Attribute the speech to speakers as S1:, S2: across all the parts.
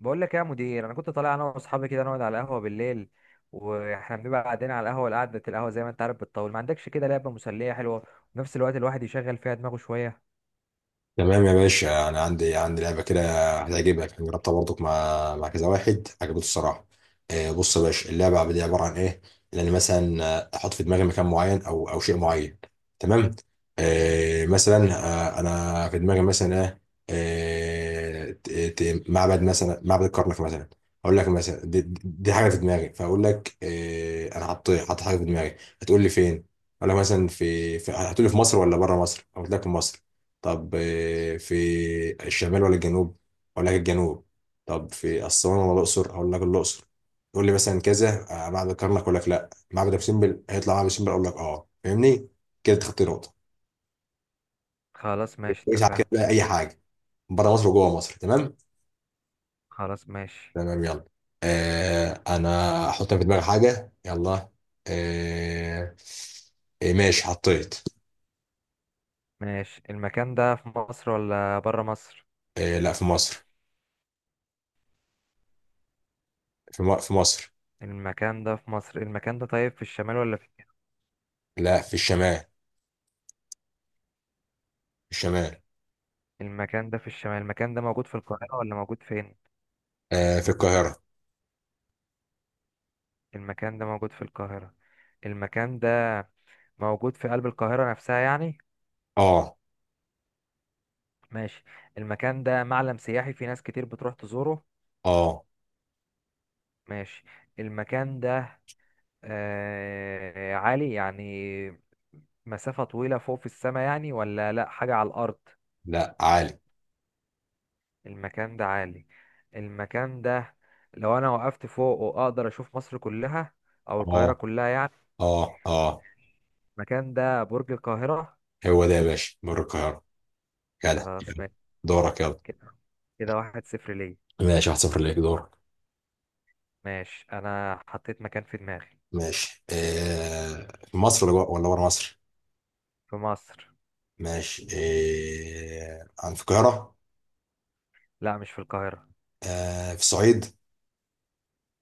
S1: بقول لك يا مدير، انا كنت طالع انا واصحابي كده نقعد على القهوه بالليل. واحنا بنبقى قاعدين على القهوه زي ما انت عارف بتطول، ما عندكش كده لعبه مسليه حلوه وفي نفس الوقت الواحد يشغل فيها دماغه شويه؟
S2: تمام يا باشا. انا عندي لعبه كده هتعجبك، انا جربتها برضك مع كذا واحد، عجبته الصراحه. بص يا باشا، اللعبه دي عباره عن ايه. ان انا مثلا احط في دماغي مكان معين او شيء معين. تمام. مثلا، انا في دماغي مثلا ايه. معبد مثلا، معبد الكرنك مثلا. اقول لك مثلا دي حاجه في دماغي، فاقول لك انا حط حاجه في دماغي. هتقول لي فين؟ اقول لك مثلا في, في هتقول لي في مصر ولا بره مصر، اقول لك في مصر. طب في الشمال ولا الجنوب؟ اقول لك الجنوب. طب في اسوان ولا الاقصر؟ اقول لك الاقصر. تقول لي مثلا كذا معبد الكرنك، اقول لك لا، معبد ابو سمبل. هيطلع معبد ابو سمبل، اقول لك اه، فاهمني؟ كده تخطي نقطه.
S1: خلاص ماشي
S2: كويس. على كده
S1: اتفقنا.
S2: بقى اي حاجه، بره مصر وجوه مصر. تمام.
S1: خلاص ماشي.
S2: تمام يلا. انا احط في دماغي حاجه، يلا. آه. ماشي، حطيت.
S1: ماشي، المكان ده في مصر ولا بره مصر؟
S2: آه لا، في مصر. في مصر.
S1: المكان ده في مصر. المكان ده طيب في الشمال ولا في؟
S2: لا، في الشمال. في الشمال.
S1: المكان ده في الشمال. المكان ده موجود في القاهره ولا موجود فين؟
S2: آه، في القاهره.
S1: المكان ده موجود في القاهره. المكان ده موجود في قلب القاهره نفسها يعني.
S2: اه.
S1: ماشي. المكان ده معلم سياحي في ناس كتير بتروح تزوره؟
S2: اه.
S1: ماشي. المكان ده عالي يعني، مسافة طويلة فوق في السماء يعني، ولا لا، حاجة على الأرض؟
S2: لا، عالي.
S1: المكان ده عالي. المكان ده لو أنا وقفت فوق وأقدر أشوف مصر كلها أو القاهرة
S2: اه.
S1: كلها يعني؟
S2: اه. اه،
S1: المكان ده برج القاهرة.
S2: هو ده يا باشا، مر القاهرة. جدع،
S1: خلاص
S2: يلا.
S1: ماشي.
S2: دورك يلا.
S1: كده، كده 1-0 ليا.
S2: ماشي، 1-0 ليك. دورك.
S1: ماشي، أنا حطيت مكان في دماغي.
S2: ماشي في مصر ولا بره مصر؟
S1: في مصر.
S2: ماشي عن في القاهرة.
S1: لا مش في القاهرة.
S2: في الصعيد.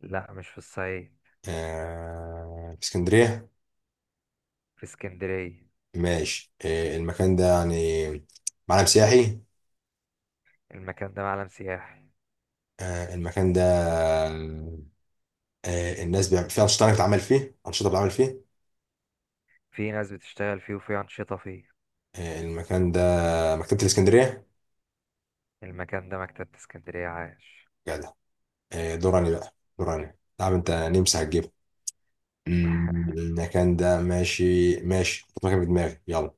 S1: لا مش في الصعيد.
S2: في اسكندرية.
S1: في اسكندرية.
S2: ماشي، المكان ده يعني معلم سياحي.
S1: المكان ده معلم سياحي
S2: المكان ده الناس بيعمل فيه أنشطة، أنا بتعمل فيه أنشطة، بتعمل فيه.
S1: في ناس بتشتغل فيه وفي أنشطة فيه.
S2: المكان ده مكتبة الإسكندرية.
S1: المكان ده مكتبة اسكندرية. عاش.
S2: جدع. دور علي بقى، دور علي، تعب انت، نمسح الجبل. المكان ده ماشي. ماشي، حط مكان في دماغي يلا.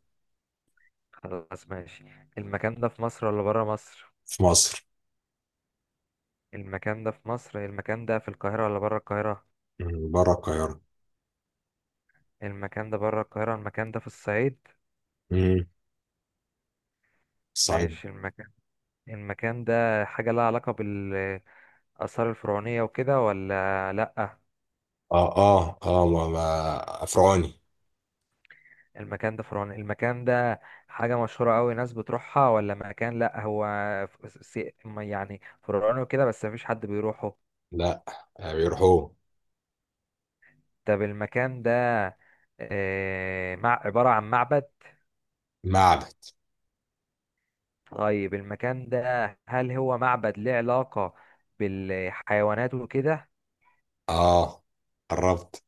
S1: خلاص ماشي. المكان ده في مصر ولا برا مصر؟
S2: في مصر.
S1: المكان ده في مصر. المكان ده في القاهرة ولا برا القاهرة؟
S2: بره القاهرة.
S1: المكان ده برا القاهرة. المكان ده في الصعيد.
S2: مم، الصعيد.
S1: ماشي. المكان ده حاجة لها علاقة بالآثار الفرعونية وكده ولا لأ؟
S2: اه. اه. اه ما فرعوني.
S1: المكان ده فرعوني. المكان ده حاجة مشهورة أوي ناس بتروحها، ولا مكان لأ هو ف- سي- ما يعني فرعوني وكده بس مفيش حد بيروحه؟
S2: لا. بيروحوا.
S1: طب المكان ده آه، مع عبارة عن معبد.
S2: معبد.
S1: طيب المكان ده، هل هو معبد ليه علاقة بالحيوانات وكده؟
S2: اه، قربت.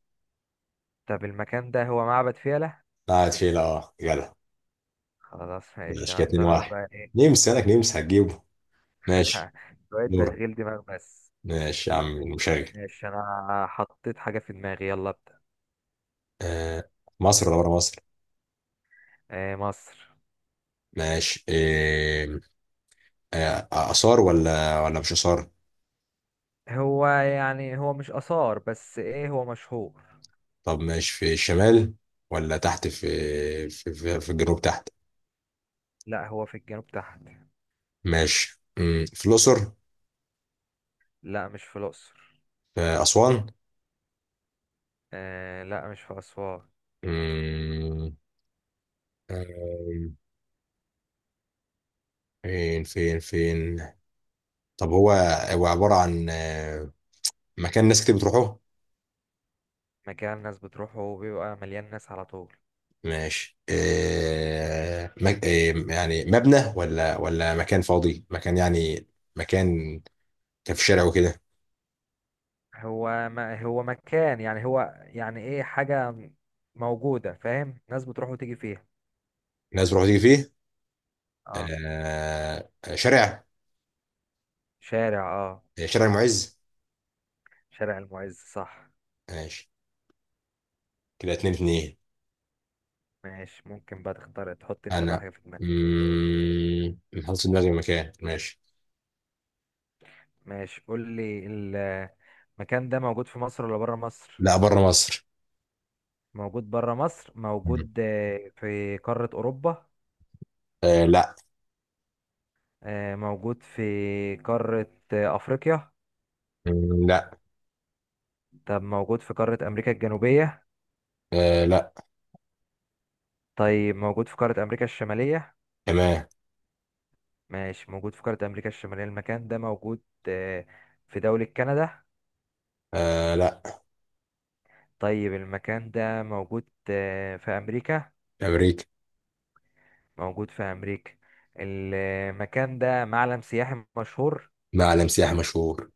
S1: طب المكان ده هو معبد فيلة.
S2: قاعد فيلا، اه، جدع.
S1: خلاص ماشي،
S2: ماشي كده اتنين
S1: هختار أنا
S2: واحد
S1: بقى إيه.
S2: نمسح لك، نمسح، هتجيبه. ماشي.
S1: شوية
S2: دور.
S1: تشغيل دماغ بس.
S2: ماشي يا عم المشغل.
S1: ماشي، أنا حطيت حاجة في دماغي، يلا ابدأ.
S2: آه مصر ولا بره مصر؟
S1: مصر.
S2: ماشي. آثار ولا مش آثار؟
S1: هو يعني هو مش آثار بس ايه، هو مشهور.
S2: طب ماشي، في الشمال ولا تحت؟ في الجنوب تحت.
S1: لا هو في الجنوب تحت.
S2: ماشي، في الأقصر؟
S1: لا مش في الأقصر.
S2: في أسوان؟
S1: آه لا، مش في أسوان.
S2: مم، آم، فين فين فين؟ طب هو عبارة عن مكان ناس كتير بتروحوه؟
S1: مكان الناس بتروحه وبيبقى مليان ناس على طول.
S2: ماشي يعني مبنى ولا مكان فاضي، مكان يعني، مكان كان في شارع وكده؟
S1: هو ما هو مكان يعني، هو يعني ايه، حاجة موجودة فاهم، ناس بتروح وتيجي فيها.
S2: الناس بتروح تيجي فيه.
S1: اه.
S2: شارع.
S1: شارع اه.
S2: شارع معز.
S1: شارع المعز، صح.
S2: ماشي كده 2-2.
S1: ماشي، ممكن بقى تختار تحط انت بقى
S2: انا
S1: حاجة في دماغك.
S2: محطوط دماغي مكان. ماشي.
S1: ماشي قول لي. المكان ده موجود في مصر ولا بره مصر؟
S2: لا، بره مصر.
S1: موجود بره مصر.
S2: مم.
S1: موجود في قارة أوروبا؟
S2: آه لا.
S1: موجود في قارة أفريقيا؟
S2: لا.
S1: طب موجود في قارة أمريكا الجنوبية؟
S2: آه لا.
S1: طيب موجود في قارة أمريكا الشمالية.
S2: تمام.
S1: ماشي، موجود في قارة أمريكا الشمالية. المكان ده موجود آه، في دولة كندا؟
S2: آه لا.
S1: طيب المكان ده موجود في أمريكا.
S2: امريكا.
S1: موجود في أمريكا. المكان ده معلم سياحي مشهور.
S2: معلم سياحي مشهور.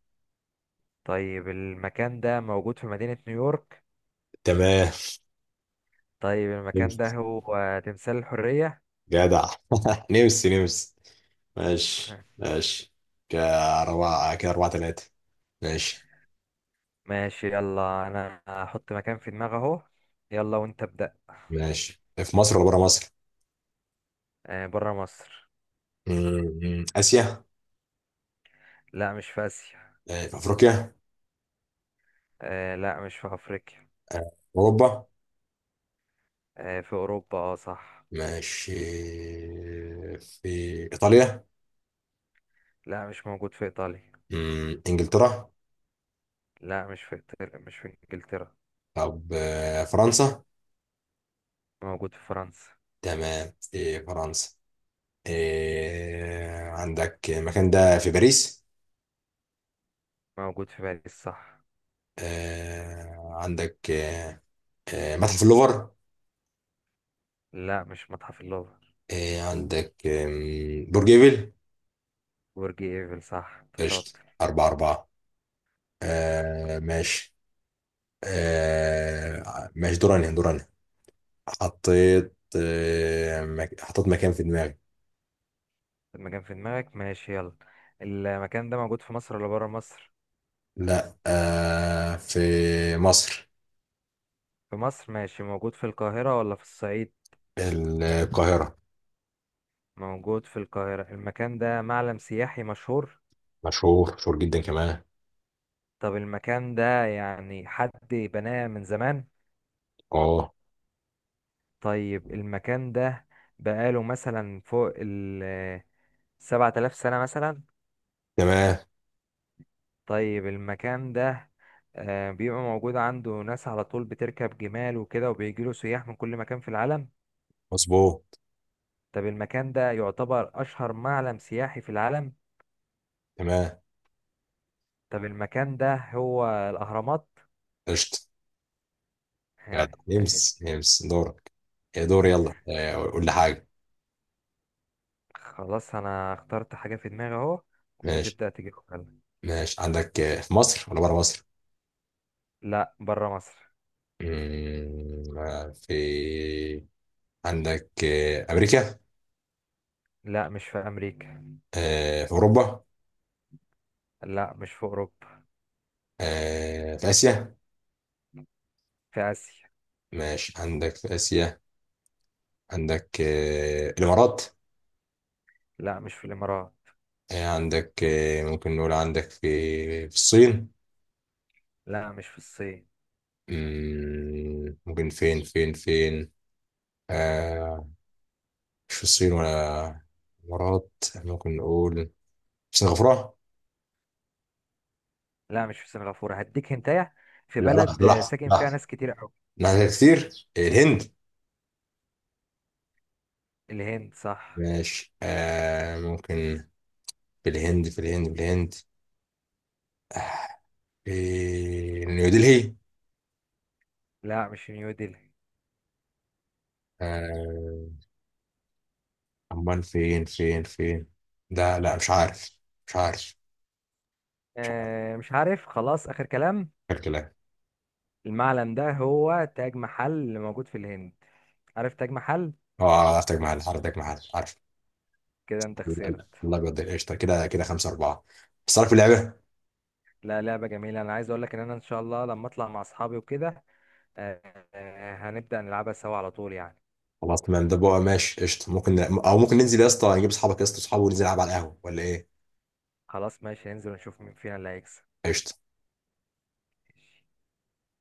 S1: طيب المكان ده موجود في مدينة نيويورك.
S2: تمام.
S1: طيب المكان
S2: نمس.
S1: ده هو تمثال الحرية.
S2: جدع. نمس نمس. ماشي ماشي. كأربعة كده، 4-3. ماشي.
S1: ماشي يلا، انا هحط مكان في دماغي اهو، يلا وانت ابدأ.
S2: ماشي، في مصر ولا بره مصر؟
S1: آه بره مصر.
S2: آسيا؟
S1: لا مش في اسيا.
S2: في أفريقيا؟
S1: آه لا، مش في افريقيا.
S2: آه، أوروبا.
S1: آه في اوروبا، اه صح.
S2: ماشي، في إيطاليا؟
S1: لا مش موجود في ايطاليا.
S2: إنجلترا؟
S1: لا مش في إيطاليا، مش في انجلترا.
S2: طب فرنسا.
S1: موجود في فرنسا.
S2: تمام، في فرنسا. عندك المكان ده في باريس.
S1: موجود في باريس، صح.
S2: آه، عندك آه، آه، متحف اللوفر.
S1: لا مش متحف اللوفر.
S2: آه، عندك آم، برج إيفل.
S1: برج ايفل صح، انت
S2: قشطة.
S1: شاطر.
S2: 4-4. ماشي. ماشي، دوراني دوراني. حطيت حطيت مكان في دماغي.
S1: المكان في دماغك ماشي يلا. المكان ده موجود في مصر ولا بره مصر؟
S2: لا، في مصر.
S1: في مصر. ماشي، موجود في القاهرة ولا في الصعيد؟
S2: القاهرة.
S1: موجود في القاهرة. المكان ده معلم سياحي مشهور.
S2: مشهور، مشهور جدا كمان.
S1: طب المكان ده يعني حد بناه من زمان؟
S2: اه.
S1: طيب المكان ده بقاله مثلا فوق ال 7000 سنة مثلا.
S2: تمام.
S1: طيب المكان ده بيبقى موجود عنده ناس على طول بتركب جمال وكده، وبيجيله سياح من كل مكان في العالم.
S2: مظبوط.
S1: طب المكان ده يعتبر أشهر معلم سياحي في العالم.
S2: تمام.
S1: طب المكان ده هو الأهرامات.
S2: قشطة. جدع.
S1: آه، آه،
S2: يمس يمس دورك. يا دور يلا قول لي حاجة.
S1: خلاص أنا اخترت حاجة في دماغي أهو، وأنت
S2: ماشي.
S1: تبدأ تجيبها.
S2: ماشي عندك في مصر ولا بره مصر؟
S1: لا بره مصر.
S2: مم، آه، في عندك أمريكا؟
S1: لا مش في أمريكا.
S2: في أوروبا؟
S1: لا مش في أوروبا.
S2: في آسيا.
S1: في آسيا.
S2: ماشي، عندك في آسيا. عندك الإمارات؟
S1: لا مش في الإمارات.
S2: إيه عندك، إيه ممكن نقول؟ عندك في في الصين؟
S1: لا مش في الصين.
S2: ممكن، فين فين فين؟ آه، مش في الصين ولا الإمارات. ممكن نقول سنغافورة؟
S1: لا مش في سنغافورة، هديك هنتايا. في
S2: لا،
S1: بلد
S2: لحظة لحظة
S1: ساكن فيها
S2: لحظة
S1: ناس كتير أوي.
S2: لحظة كتير. الهند.
S1: الهند صح.
S2: ماشي، آه ممكن في الهند، في الهند، في الهند، في نيودلهي؟
S1: لا مش في نيودلهي.
S2: آه، أمال فين فين فين؟ ده لا، مش عارف. مش عارف. مش عارف
S1: آه مش عارف خلاص، آخر كلام.
S2: الكلام.
S1: المعلم ده هو تاج محل اللي موجود في الهند. عارف تاج محل.
S2: اه، حضرتك محل، حضرتك محل عارف.
S1: كده انت خسرت.
S2: الله يقدر. قشطه. كده كده 5-4. بس عارف اللعبه.
S1: لا لعبة جميلة، انا عايز اقول لك ان انا ان شاء الله لما اطلع مع اصحابي وكده، آه، هنبدأ نلعبها سوا على طول يعني.
S2: خلاص تمام. ده بقى ماشي، قشطه. ممكن ممكن ننزل يا اسطى، نجيب اصحابك يا اسطى، اصحابه، وننزل نلعب على القهوه، ولا ايه؟
S1: خلاص ماشي، ننزل ونشوف مين فينا اللي هيكسب.
S2: قشطه.
S1: ماشي.